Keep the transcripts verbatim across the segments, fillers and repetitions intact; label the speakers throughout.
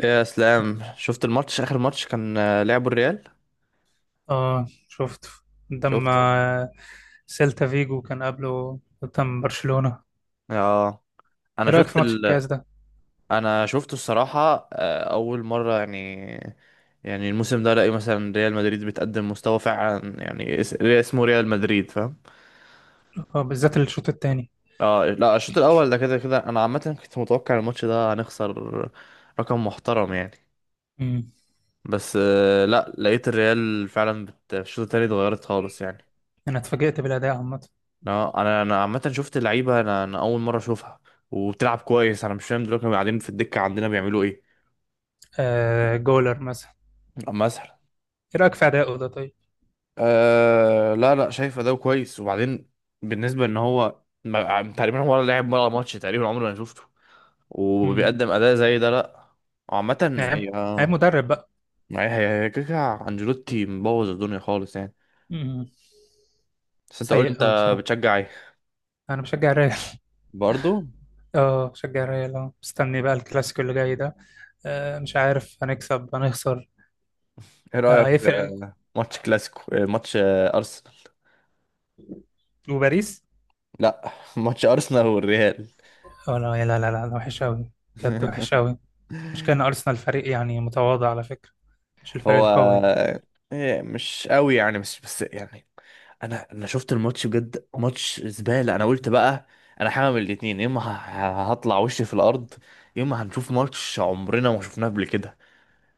Speaker 1: يا اسلام، شفت الماتش؟ اخر ماتش كان، آه، لعبوا الريال.
Speaker 2: اه، شفت قدام
Speaker 1: شفته.
Speaker 2: آه، سيلتا فيجو كان قبله قدام برشلونة.
Speaker 1: اه. انا
Speaker 2: ايه رأيك
Speaker 1: شفت
Speaker 2: في ماتش
Speaker 1: ال...
Speaker 2: الكاس ده؟
Speaker 1: انا شفته الصراحه، آه، اول مره يعني. يعني الموسم ده الاقي مثلا ريال مدريد بتقدم مستوى فعلا، يعني اس- اسمه ريال مدريد، فاهم.
Speaker 2: اه، بالذات الشوط الثاني.
Speaker 1: اه لا، الشوط الاول ده كده كده، انا عامه كنت متوقع الماتش ده هنخسر. رقم محترم يعني.
Speaker 2: امم.
Speaker 1: بس آه، لا، لقيت الريال فعلا بت... في الشوط التاني اتغيرت خالص يعني.
Speaker 2: انا اتفاجئت بالاداء عامة.
Speaker 1: لا انا انا عامه شفت لعيبه، انا انا اول مره اشوفها. وبتلعب كويس. انا مش فاهم دلوقتي كانوا قاعدين في الدكه عندنا بيعملوا ايه.
Speaker 2: آه جولر مثلا.
Speaker 1: مثلا.
Speaker 2: ايه رأيك في اداؤه ده طيب؟
Speaker 1: أه لا لا، شايف اداؤه كويس. وبعدين بالنسبه ان هو ما- تقريبا هو ولا لعب ولا ماتش تقريبا عمري ما شفته
Speaker 2: امم.
Speaker 1: وبيقدم اداء زي ده، لا. عامه
Speaker 2: عيب.
Speaker 1: هي،
Speaker 2: عيب
Speaker 1: آه،
Speaker 2: مدرب بقى.
Speaker 1: هي هي هي كده كده، انجيلوتي مبوظ الدنيا خالص يعني.
Speaker 2: امم.
Speaker 1: بس انت قول
Speaker 2: سيء
Speaker 1: لي، انت
Speaker 2: قوي بصراحة.
Speaker 1: بتشجع ايه؟
Speaker 2: انا بشجع الريال.
Speaker 1: برضه.
Speaker 2: اه، بشجع الريال. اه مستني بقى الكلاسيكو اللي جاي ده. آه مش عارف هنكسب هنخسر.
Speaker 1: ايه
Speaker 2: آه
Speaker 1: رايك
Speaker 2: هيفرق.
Speaker 1: في ماتش كلاسيكو، آه، ماتش، آه، ارسنال.
Speaker 2: وباريس.
Speaker 1: لا ماتش ارسنال والريال.
Speaker 2: اه، لا لا لا لا لا، وحش قوي. بجد وحش قوي. مش كان أرسنال فريق يعني متواضع على فكرة؟ مش الفريق
Speaker 1: هو
Speaker 2: القوي.
Speaker 1: إيه، مش قوي يعني، مش بس يعني انا انا شفت الماتش، بجد ماتش زبالة. انا قلت بقى انا هعمل الاتنين: يا اما ه- ه- هطلع وشي في الارض، يا اما هنشوف ماتش عمرنا ما شفناه قبل كده،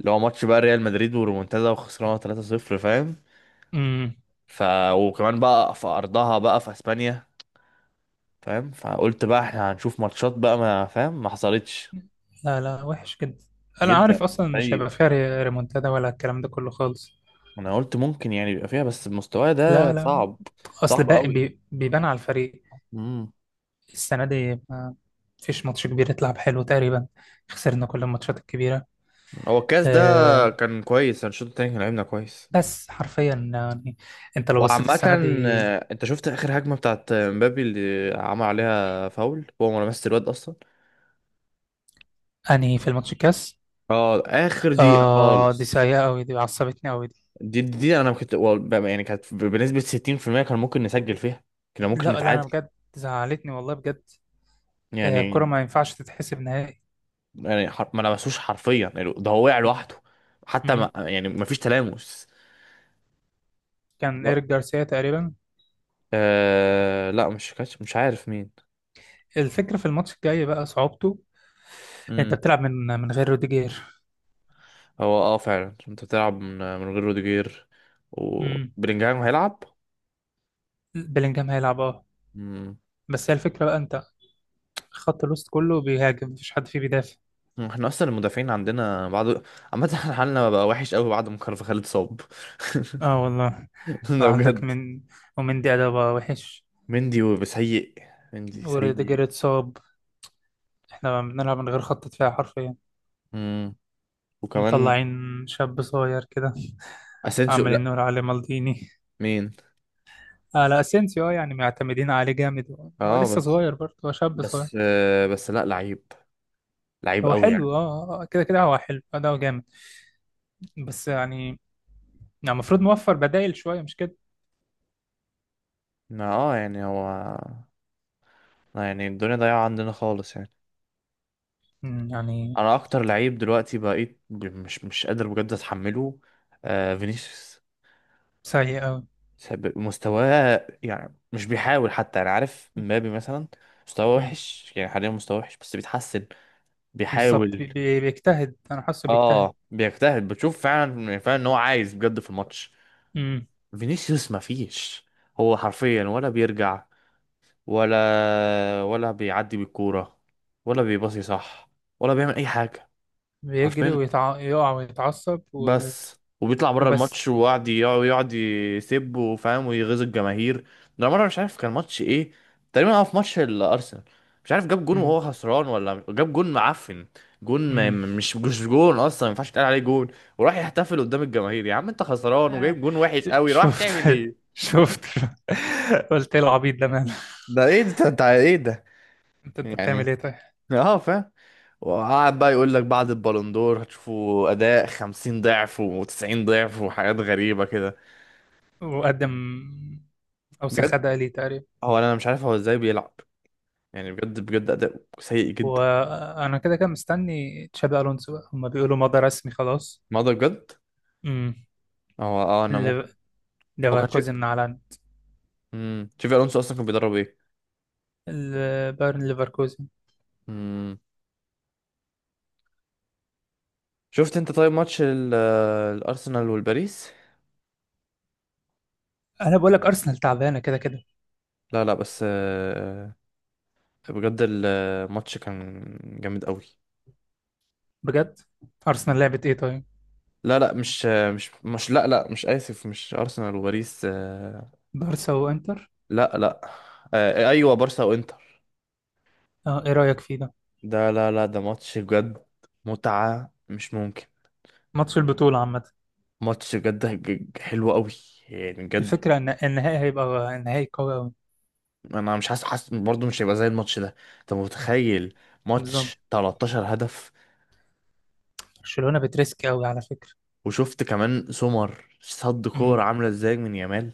Speaker 1: اللي هو ماتش بقى ريال مدريد ورومونتادا وخسرانه ثلاثة صفر، فاهم.
Speaker 2: امم.
Speaker 1: ف وكمان بقى في ارضها بقى، في اسبانيا، فاهم. فقلت بقى احنا هنشوف ماتشات بقى، ما فاهم ما حصلتش.
Speaker 2: لا لا، وحش جدا. أنا
Speaker 1: جدا.
Speaker 2: عارف أصلا مش
Speaker 1: طيب.
Speaker 2: هيبقى فيها ري- ريمونتادا ولا الكلام ده كله خالص.
Speaker 1: انا قلت ممكن يعني يبقى فيها، بس المستوى ده
Speaker 2: لا لا.
Speaker 1: صعب.
Speaker 2: أصل
Speaker 1: صعب
Speaker 2: بقى
Speaker 1: قوي.
Speaker 2: بي- بيبان على الفريق.
Speaker 1: امم.
Speaker 2: السنة دي ما فيش ماتش كبير يتلعب حلو تقريبا. خسرنا كل الماتشات الكبيرة.
Speaker 1: هو الكاس ده
Speaker 2: أه.
Speaker 1: كان كويس. أنا الشوط التاني كان لعبنا كويس.
Speaker 2: بس حرفيا يعني أنت لو بصيت
Speaker 1: وعامة،
Speaker 2: السنة دي.
Speaker 1: آه، انت شفت اخر هجمة بتاعت مبابي اللي عمل عليها فاول؟ هو ما لمس الواد اصلا.
Speaker 2: أنهي في الماتش الكاس؟
Speaker 1: اه، اخر دقيقة
Speaker 2: آه دي
Speaker 1: خالص.
Speaker 2: سيئة أوي، دي عصبتني أوي.
Speaker 1: دي دي انا كنت وال- بقى- يعني كانت بنسبة ستين في المية كان ممكن نسجل فيها، كان
Speaker 2: لا
Speaker 1: ممكن
Speaker 2: لا، انا
Speaker 1: نتعادل
Speaker 2: بجد زعلتني والله بجد. آه،
Speaker 1: يعني.
Speaker 2: الكرة ما ينفعش تتحسب نهائي.
Speaker 1: يعني حر- ما لمسوش حرفيا يعني، ده هو وقع لوحده، حتى
Speaker 2: مم.
Speaker 1: ما يعني ما فيش تلامس.
Speaker 2: كان ايريك جارسيا تقريبا.
Speaker 1: آه لا، مش كاتش، مش عارف مين.
Speaker 2: الفكرة في الماتش الجاي بقى صعوبته. انت
Speaker 1: امم.
Speaker 2: بتلعب من من غير روديجير.
Speaker 1: هو اه فعلا، انت بتلعب من, من غير روديجير،
Speaker 2: مم.
Speaker 1: وبلينجهام هيلعب.
Speaker 2: بلينجهام هيلعب اه.
Speaker 1: امم.
Speaker 2: بس هي الفكرة بقى انت خط الوسط كله بيهاجم مفيش حد فيه بيدافع.
Speaker 1: احنا اصلا المدافعين عندنا بعد عامة احنا حالنا بقى وحش قوي بعد ما كارفاخال اتصاب.
Speaker 2: اه والله.
Speaker 1: ده
Speaker 2: وعندك
Speaker 1: بجد.
Speaker 2: من ومن دي بقى وحش.
Speaker 1: مندي وسيء. مندي
Speaker 2: وروديجير
Speaker 1: سيء.
Speaker 2: اتصاب. احنا بنلعب من غير خط دفاع حرفيا.
Speaker 1: امم. وكمان
Speaker 2: مطلعين شاب صغير كده،
Speaker 1: اسينسيو، لا.
Speaker 2: عمالين نقول عليه مالديني.
Speaker 1: مين؟
Speaker 2: آه لا، اسينسيو. اه يعني معتمدين عليه جامد، هو
Speaker 1: اه
Speaker 2: لسه
Speaker 1: بس.
Speaker 2: صغير برضه، هو شاب صغير.
Speaker 1: بس، آه بس لا، لعيب. لعيب
Speaker 2: هو
Speaker 1: قوي يعني.
Speaker 2: حلو اه. آه، آه، كده كده هو حلو، اداؤه جامد. بس يعني يعني المفروض نوفر بدائل شويه مش كده؟
Speaker 1: ما اه يعني هو، آه يعني الدنيا ضايعة عندنا خالص يعني.
Speaker 2: مم، يعني
Speaker 1: انا اكتر لعيب دلوقتي بقيت ب- مش مش قادر بجد اتحمله، آه فينيسيوس.
Speaker 2: سيء قوي.
Speaker 1: سب- مستواه، يعني مش بيحاول حتى. انا عارف مبابي مثلا مستواه وحش يعني حاليا، مستواه وحش بس بيتحسن،
Speaker 2: بالظبط،
Speaker 1: بيحاول.
Speaker 2: بي- بي- بيجتهد، انا حاسه بيجتهد.
Speaker 1: اه بيجتهد، بتشوف فعلا يعني فعلا ان هو عايز بجد في الماتش.
Speaker 2: مم.
Speaker 1: فينيسيوس مفيش، هو حرفيا ولا بيرجع، ولا ولا بيعدي بالكورة، ولا بيباصي صح، ولا بيعمل اي حاجة،
Speaker 2: بيجري
Speaker 1: حرفيا.
Speaker 2: ويتع... يقع ويتعصب و،
Speaker 1: بس وبيطلع بره
Speaker 2: وبس.
Speaker 1: الماتش وقعد يقعد يقعد يسب، وفاهم، ويغيظ الجماهير. ده مره مش عارف كان ماتش ايه، تقريبا اه في ماتش الارسنال، مش عارف جاب جون
Speaker 2: مم.
Speaker 1: وهو خسران، ولا جاب جون معفن. جون ما
Speaker 2: مم.
Speaker 1: مش مش جون اصلا، ما ينفعش يتقال عليه جون. وراح يحتفل قدام الجماهير. يا عم انت خسران
Speaker 2: آه.
Speaker 1: وجايب جون وحش قوي، راح
Speaker 2: شفت.
Speaker 1: تعمل ايه؟
Speaker 2: شفت قلت ايه العبيط ده ماله؟
Speaker 1: ده ايه ده؟ انت أنت ايه ده؟
Speaker 2: انت انت بتعمل
Speaker 1: يعني،
Speaker 2: ايه طيب؟
Speaker 1: اه فاهم. وقعد بقى يقول لك بعد البالون دور هتشوفوا اداء خمسين ضعف و90 ضعف وحاجات غريبه كده.
Speaker 2: وقدم اوسخ
Speaker 1: بجد.
Speaker 2: اداء ليه تقريبا.
Speaker 1: هو انا مش عارف هو ازاي بيلعب، يعني بجد بجد اداء سيء جدا.
Speaker 2: وانا كده كده مستني تشابي الونسو بقى، هما بيقولوا مضى رسمي خلاص.
Speaker 1: ما ده بجد.
Speaker 2: امم.
Speaker 1: هو اه انا
Speaker 2: ل-
Speaker 1: ممكن، هو كان شيف.
Speaker 2: ليفركوزن اعلن.
Speaker 1: امم شيفي الونسو اصلا كان بيدرب ايه؟
Speaker 2: ال- بايرن ليفركوزن.
Speaker 1: امم. شفت انت طيب ماتش ال- آه، الارسنال والباريس؟
Speaker 2: انا بقول لك ارسنال تعبانه كده كده.
Speaker 1: لا لا، بس، آه، بجد الماتش كان جامد قوي.
Speaker 2: بجد ارسنال لعبت ايه طيب؟
Speaker 1: لا لا، مش آه، مش مش لا لا، مش، اسف، مش ارسنال وباريس، آه،
Speaker 2: بارسا وانتر.
Speaker 1: لا لا، آه، ايوه، بارسا وانتر.
Speaker 2: اه، ايه رايك فيه ده؟
Speaker 1: ده، لا لا، ده ماتش بجد متعة مش ممكن.
Speaker 2: ماتش البطوله عامه.
Speaker 1: ماتش بجد هج- حلو قوي، يعني بجد.
Speaker 2: الفكره ان النهائي هيبقى النهائي قوي قوي.
Speaker 1: انا مش حاسس، حاسس برضه مش هيبقى زي الماتش ده. انت متخيل
Speaker 2: بالظبط.
Speaker 1: ماتش 13 هدف؟
Speaker 2: برشلونه بتريسك قوي على فكره.
Speaker 1: وشفت كمان سمر صد كور
Speaker 2: امم.
Speaker 1: عامله ازاي من يامال.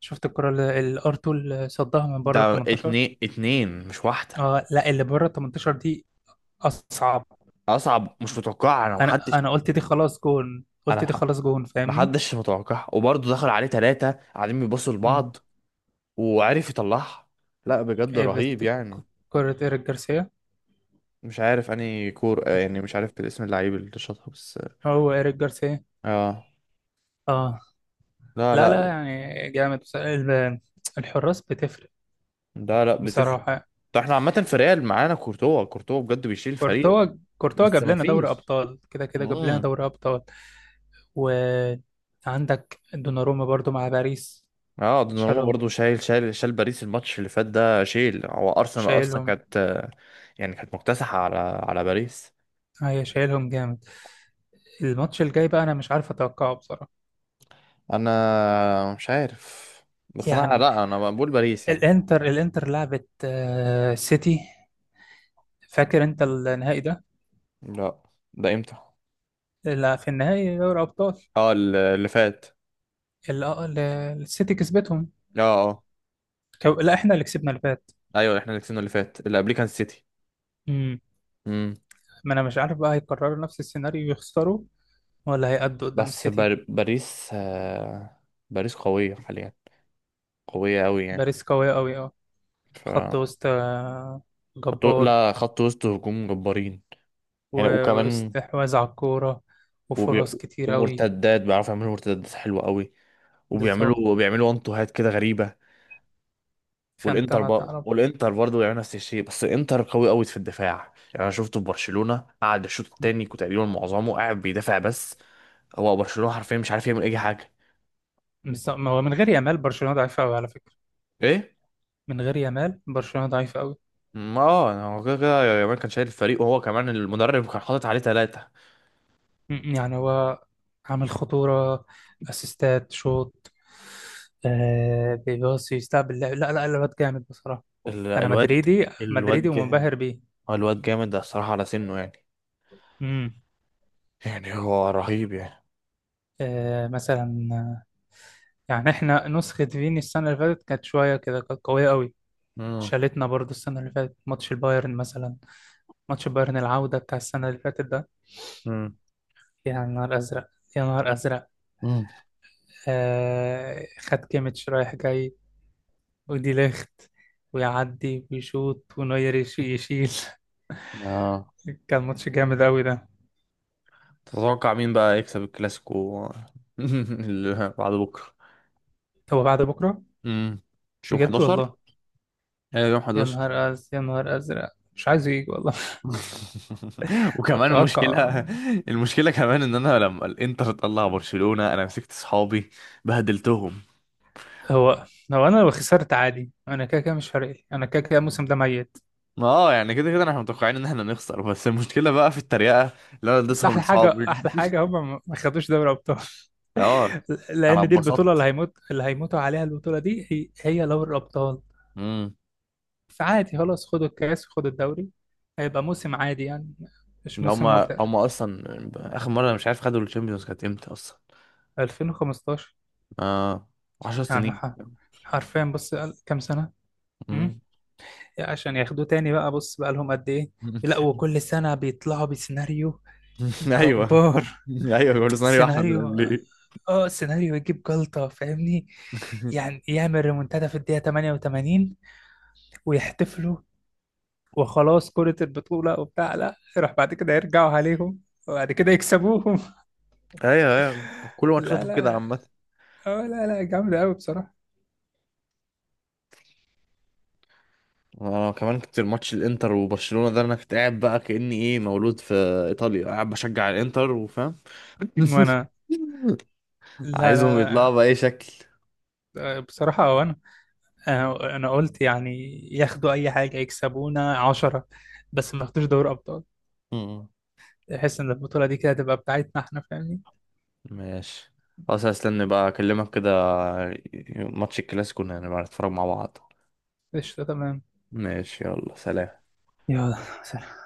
Speaker 2: شفت الكره اللي الارتو اللي صدها من بره ال
Speaker 1: ده
Speaker 2: تمنتاشر.
Speaker 1: اتنين اتنين مش واحده.
Speaker 2: اه لا، اللي بره ال تمنتاشر دي اصعب.
Speaker 1: اصعب، مش متوقع. انا
Speaker 2: انا
Speaker 1: محدش،
Speaker 2: انا قلت دي خلاص جون،
Speaker 1: انا
Speaker 2: قلت دي
Speaker 1: مح-
Speaker 2: خلاص جون، فاهمني.
Speaker 1: محدش متوقع. وبرضه دخل عليه ثلاثه قاعدين بيبصوا
Speaker 2: مم.
Speaker 1: لبعض، وعرف يطلعها. لا بجد
Speaker 2: إيه
Speaker 1: رهيب
Speaker 2: بت... ك-
Speaker 1: يعني.
Speaker 2: كرة إيريك جارسيا.
Speaker 1: مش عارف اني كور، آه، يعني مش عارف الاسم، اللعيب اللي شاطها بس.
Speaker 2: هو إيريك جارسيا.
Speaker 1: اه،
Speaker 2: اه.
Speaker 1: لا
Speaker 2: لا
Speaker 1: لا.
Speaker 2: لا، يعني جامد، بس- ال- الحراس بتفرق،
Speaker 1: ده لا، بتفرق.
Speaker 2: بصراحة.
Speaker 1: ده احنا عامة في ريال معانا كورتوا، كورتوا بجد بيشيل الفريق.
Speaker 2: كورتوا، كورتوا
Speaker 1: بس
Speaker 2: جاب
Speaker 1: ما
Speaker 2: لنا دوري
Speaker 1: فيش.
Speaker 2: أبطال، كده كده جاب لنا
Speaker 1: امم.
Speaker 2: دوري أبطال. وعندك دوناروما برضو مع باريس.
Speaker 1: اه دوناروما
Speaker 2: شالهم.
Speaker 1: برضو شايل شايل شال باريس الماتش اللي فات ده. شيل. هو ارسنال اصلا
Speaker 2: شايلهم.
Speaker 1: كانت يعني كانت مكتسحة على على باريس.
Speaker 2: هي شايلهم جامد. الماتش الجاي بقى أنا مش عارف أتوقعه بصراحة.
Speaker 1: انا مش عارف. بس انا،
Speaker 2: يعني
Speaker 1: لا، انا بقول باريس يعني.
Speaker 2: الإنتر الإنتر لعبت آه، سيتي. فاكر انت النهائي ده؟
Speaker 1: لا، ده امتى؟
Speaker 2: اللي في النهائي دوري ابطال،
Speaker 1: اه ال- اللي فات.
Speaker 2: اللي آه، اللي السيتي كسبتهم.
Speaker 1: اه. اه
Speaker 2: كو... لا، احنا اللي كسبنا اللي فات.
Speaker 1: ايوه، احنا اللي كسبنا اللي فات، اللي قبليه كان سيتي.
Speaker 2: امم.
Speaker 1: امم.
Speaker 2: ما انا مش عارف بقى هيكرروا نفس السيناريو يخسروا، ولا هيأدوا قدام
Speaker 1: بس
Speaker 2: السيتي.
Speaker 1: بار... باريس آه... باريس قوية حاليا، قوية قوي يعني.
Speaker 2: باريس قوية قوي اه.
Speaker 1: ف
Speaker 2: خط وسط آه،
Speaker 1: خط...
Speaker 2: جبار.
Speaker 1: لا، خط وسط وهجوم جبارين
Speaker 2: و-
Speaker 1: يعني. وكمان
Speaker 2: واستحواذ على الكورة،
Speaker 1: وبي...
Speaker 2: وفرص كتير قوي.
Speaker 1: ومرتدات، بيعرفوا يعملوا مرتدات حلوة قوي.
Speaker 2: بالظبط،
Speaker 1: وبيعملوا وبيعملوا وان تو هات كده غريبة.
Speaker 2: فانت
Speaker 1: والانتر
Speaker 2: ما
Speaker 1: بقى
Speaker 2: تعرف.
Speaker 1: والانتر برضه بيعملوا نفس الشيء، بس الانتر قوي قوي في الدفاع يعني. انا شفته في برشلونة قعد الشوط التاني كنت تقريبا معظمه قاعد بيدافع بس. هو برشلونة حرفيا مش عارف يعمل اي حاجة.
Speaker 2: بالظبط، ما هو من غير يامال برشلونة ضعيفة قوي على فكرة.
Speaker 1: ايه.
Speaker 2: من غير يامال برشلونة ضعيفة قوي.
Speaker 1: ما اه يعني هو كده كده يامال كان شايل الفريق، وهو كمان المدرب كان حاطط عليه ثلاثة.
Speaker 2: م- يعني هو عامل خطورة، اسيستات، شوط. آه بيباصي، يستقبل، لعب. لا لا، لعبات جامد بصراحة. انا
Speaker 1: الواد.
Speaker 2: مدريدي مدريدي
Speaker 1: الواد جامد.
Speaker 2: ومنبهر بيه.
Speaker 1: الواد جامد الصراحة على سنه يعني.
Speaker 2: امم.
Speaker 1: يعني هو رهيب يعني.
Speaker 2: آه مثلا، آه، يعني احنا نسخة فيني السنة اللي فاتت كانت شوية كده، كانت قوية قوي.
Speaker 1: امم.
Speaker 2: شالتنا برضو السنة اللي فاتت ماتش البايرن مثلا. ماتش البايرن العودة بتاع السنة اللي فاتت ده.
Speaker 1: امم.
Speaker 2: يا نهار أزرق، يا نهار أزرق.
Speaker 1: مم.
Speaker 2: آه خد كيميتش رايح جاي ودي لخت، ويعدي ويشوط ونوير يش- يشيل.
Speaker 1: اه
Speaker 2: كان ماتش جامد أوي ده.
Speaker 1: تتوقع مين بقى يكسب الكلاسيكو؟ اللي بعد بكره.
Speaker 2: هو بعد بكرة.
Speaker 1: مم. مش يوم
Speaker 2: بجد
Speaker 1: حداشر؟
Speaker 2: والله.
Speaker 1: ايوه يوم
Speaker 2: يا
Speaker 1: احد عشر.
Speaker 2: نهار أز يا نهار أزرق، مش عايز يجي والله.
Speaker 1: وكمان
Speaker 2: أتوقع.
Speaker 1: المشكله، المشكله كمان ان انا لما الانتر طلع برشلونه انا مسكت صحابي بهدلتهم.
Speaker 2: هو لو أنا لو خسرت عادي، أنا كده كده مش فارق لي، أنا كده كده الموسم ده ميت.
Speaker 1: اه يعني كده كده احنا متوقعين ان احنا نخسر، بس المشكله بقى في التريقه اللي انا
Speaker 2: بس
Speaker 1: اديتهم
Speaker 2: أحلى حاجة،
Speaker 1: لصحابي.
Speaker 2: أحلى حاجة هم ما ما خدوش دوري أبطال.
Speaker 1: اه. انا
Speaker 2: لأن دي البطولة اللي
Speaker 1: اتبسطت.
Speaker 2: هيموت اللي هيموتوا عليها، البطولة دي هي هي دوري الأبطال.
Speaker 1: مم.
Speaker 2: فعادي خلاص، خدوا الكاس وخدوا الدوري، هيبقى موسم عادي يعني، مش
Speaker 1: ده
Speaker 2: موسم
Speaker 1: هما
Speaker 2: مبهر.
Speaker 1: هما اصلا اخر مره أنا مش عارف خدوا الشامبيونز كانت امتى اصلا.
Speaker 2: ألفين وخمستاشر.
Speaker 1: اه، عشر
Speaker 2: يعني
Speaker 1: سنين.
Speaker 2: ح- حرفيا بص قال- كام سنة. امم.
Speaker 1: مم.
Speaker 2: عشان ياخدوه تاني بقى، بص بقى لهم قد ايه. لا، وكل سنة بيطلعوا بسيناريو
Speaker 1: ايوه.
Speaker 2: جبار.
Speaker 1: ايوه كل سنه يبقى احنا
Speaker 2: سيناريو.
Speaker 1: بنعمل ايه.
Speaker 2: اه، سيناريو يجيب جلطة فاهمني. يعني يعمل ريمونتادا في الدقيقة الثامنة والثمانين، ويحتفلوا وخلاص، كرة البطولة وبتاع، لا، يروح بعد كده يرجعوا عليهم وبعد كده يكسبوهم.
Speaker 1: ايوه. ايوه كل
Speaker 2: لا
Speaker 1: ماتشاتهم كده
Speaker 2: لا.
Speaker 1: عامه.
Speaker 2: اه لا لا، جامدة قوي بصراحة.
Speaker 1: انا كمان كنت الماتش الانتر وبرشلونه ده انا كنت قاعد بقى كاني ايه، مولود في ايطاليا، قاعد بشجع الانتر، وفاهم
Speaker 2: وانا. لا
Speaker 1: عايزهم
Speaker 2: لا.
Speaker 1: يطلعوا بأي شكل.
Speaker 2: لا، بصراحة. وانا، انا أنا قلت يعني ياخدوا اي حاجه، يكسبونا عشرة، بس ما ياخدوش دوري ابطال.
Speaker 1: مم.
Speaker 2: احس ان البطوله دي كده تبقى بتاعتنا احنا، فاهمني.
Speaker 1: ماشي، خلاص هستنى بقى اكلمك كده، ماتش الكلاسيكو نبقى نتفرج مع بعض.
Speaker 2: قشطه تمام.
Speaker 1: ماشي يلا سلام.
Speaker 2: يلا سلام.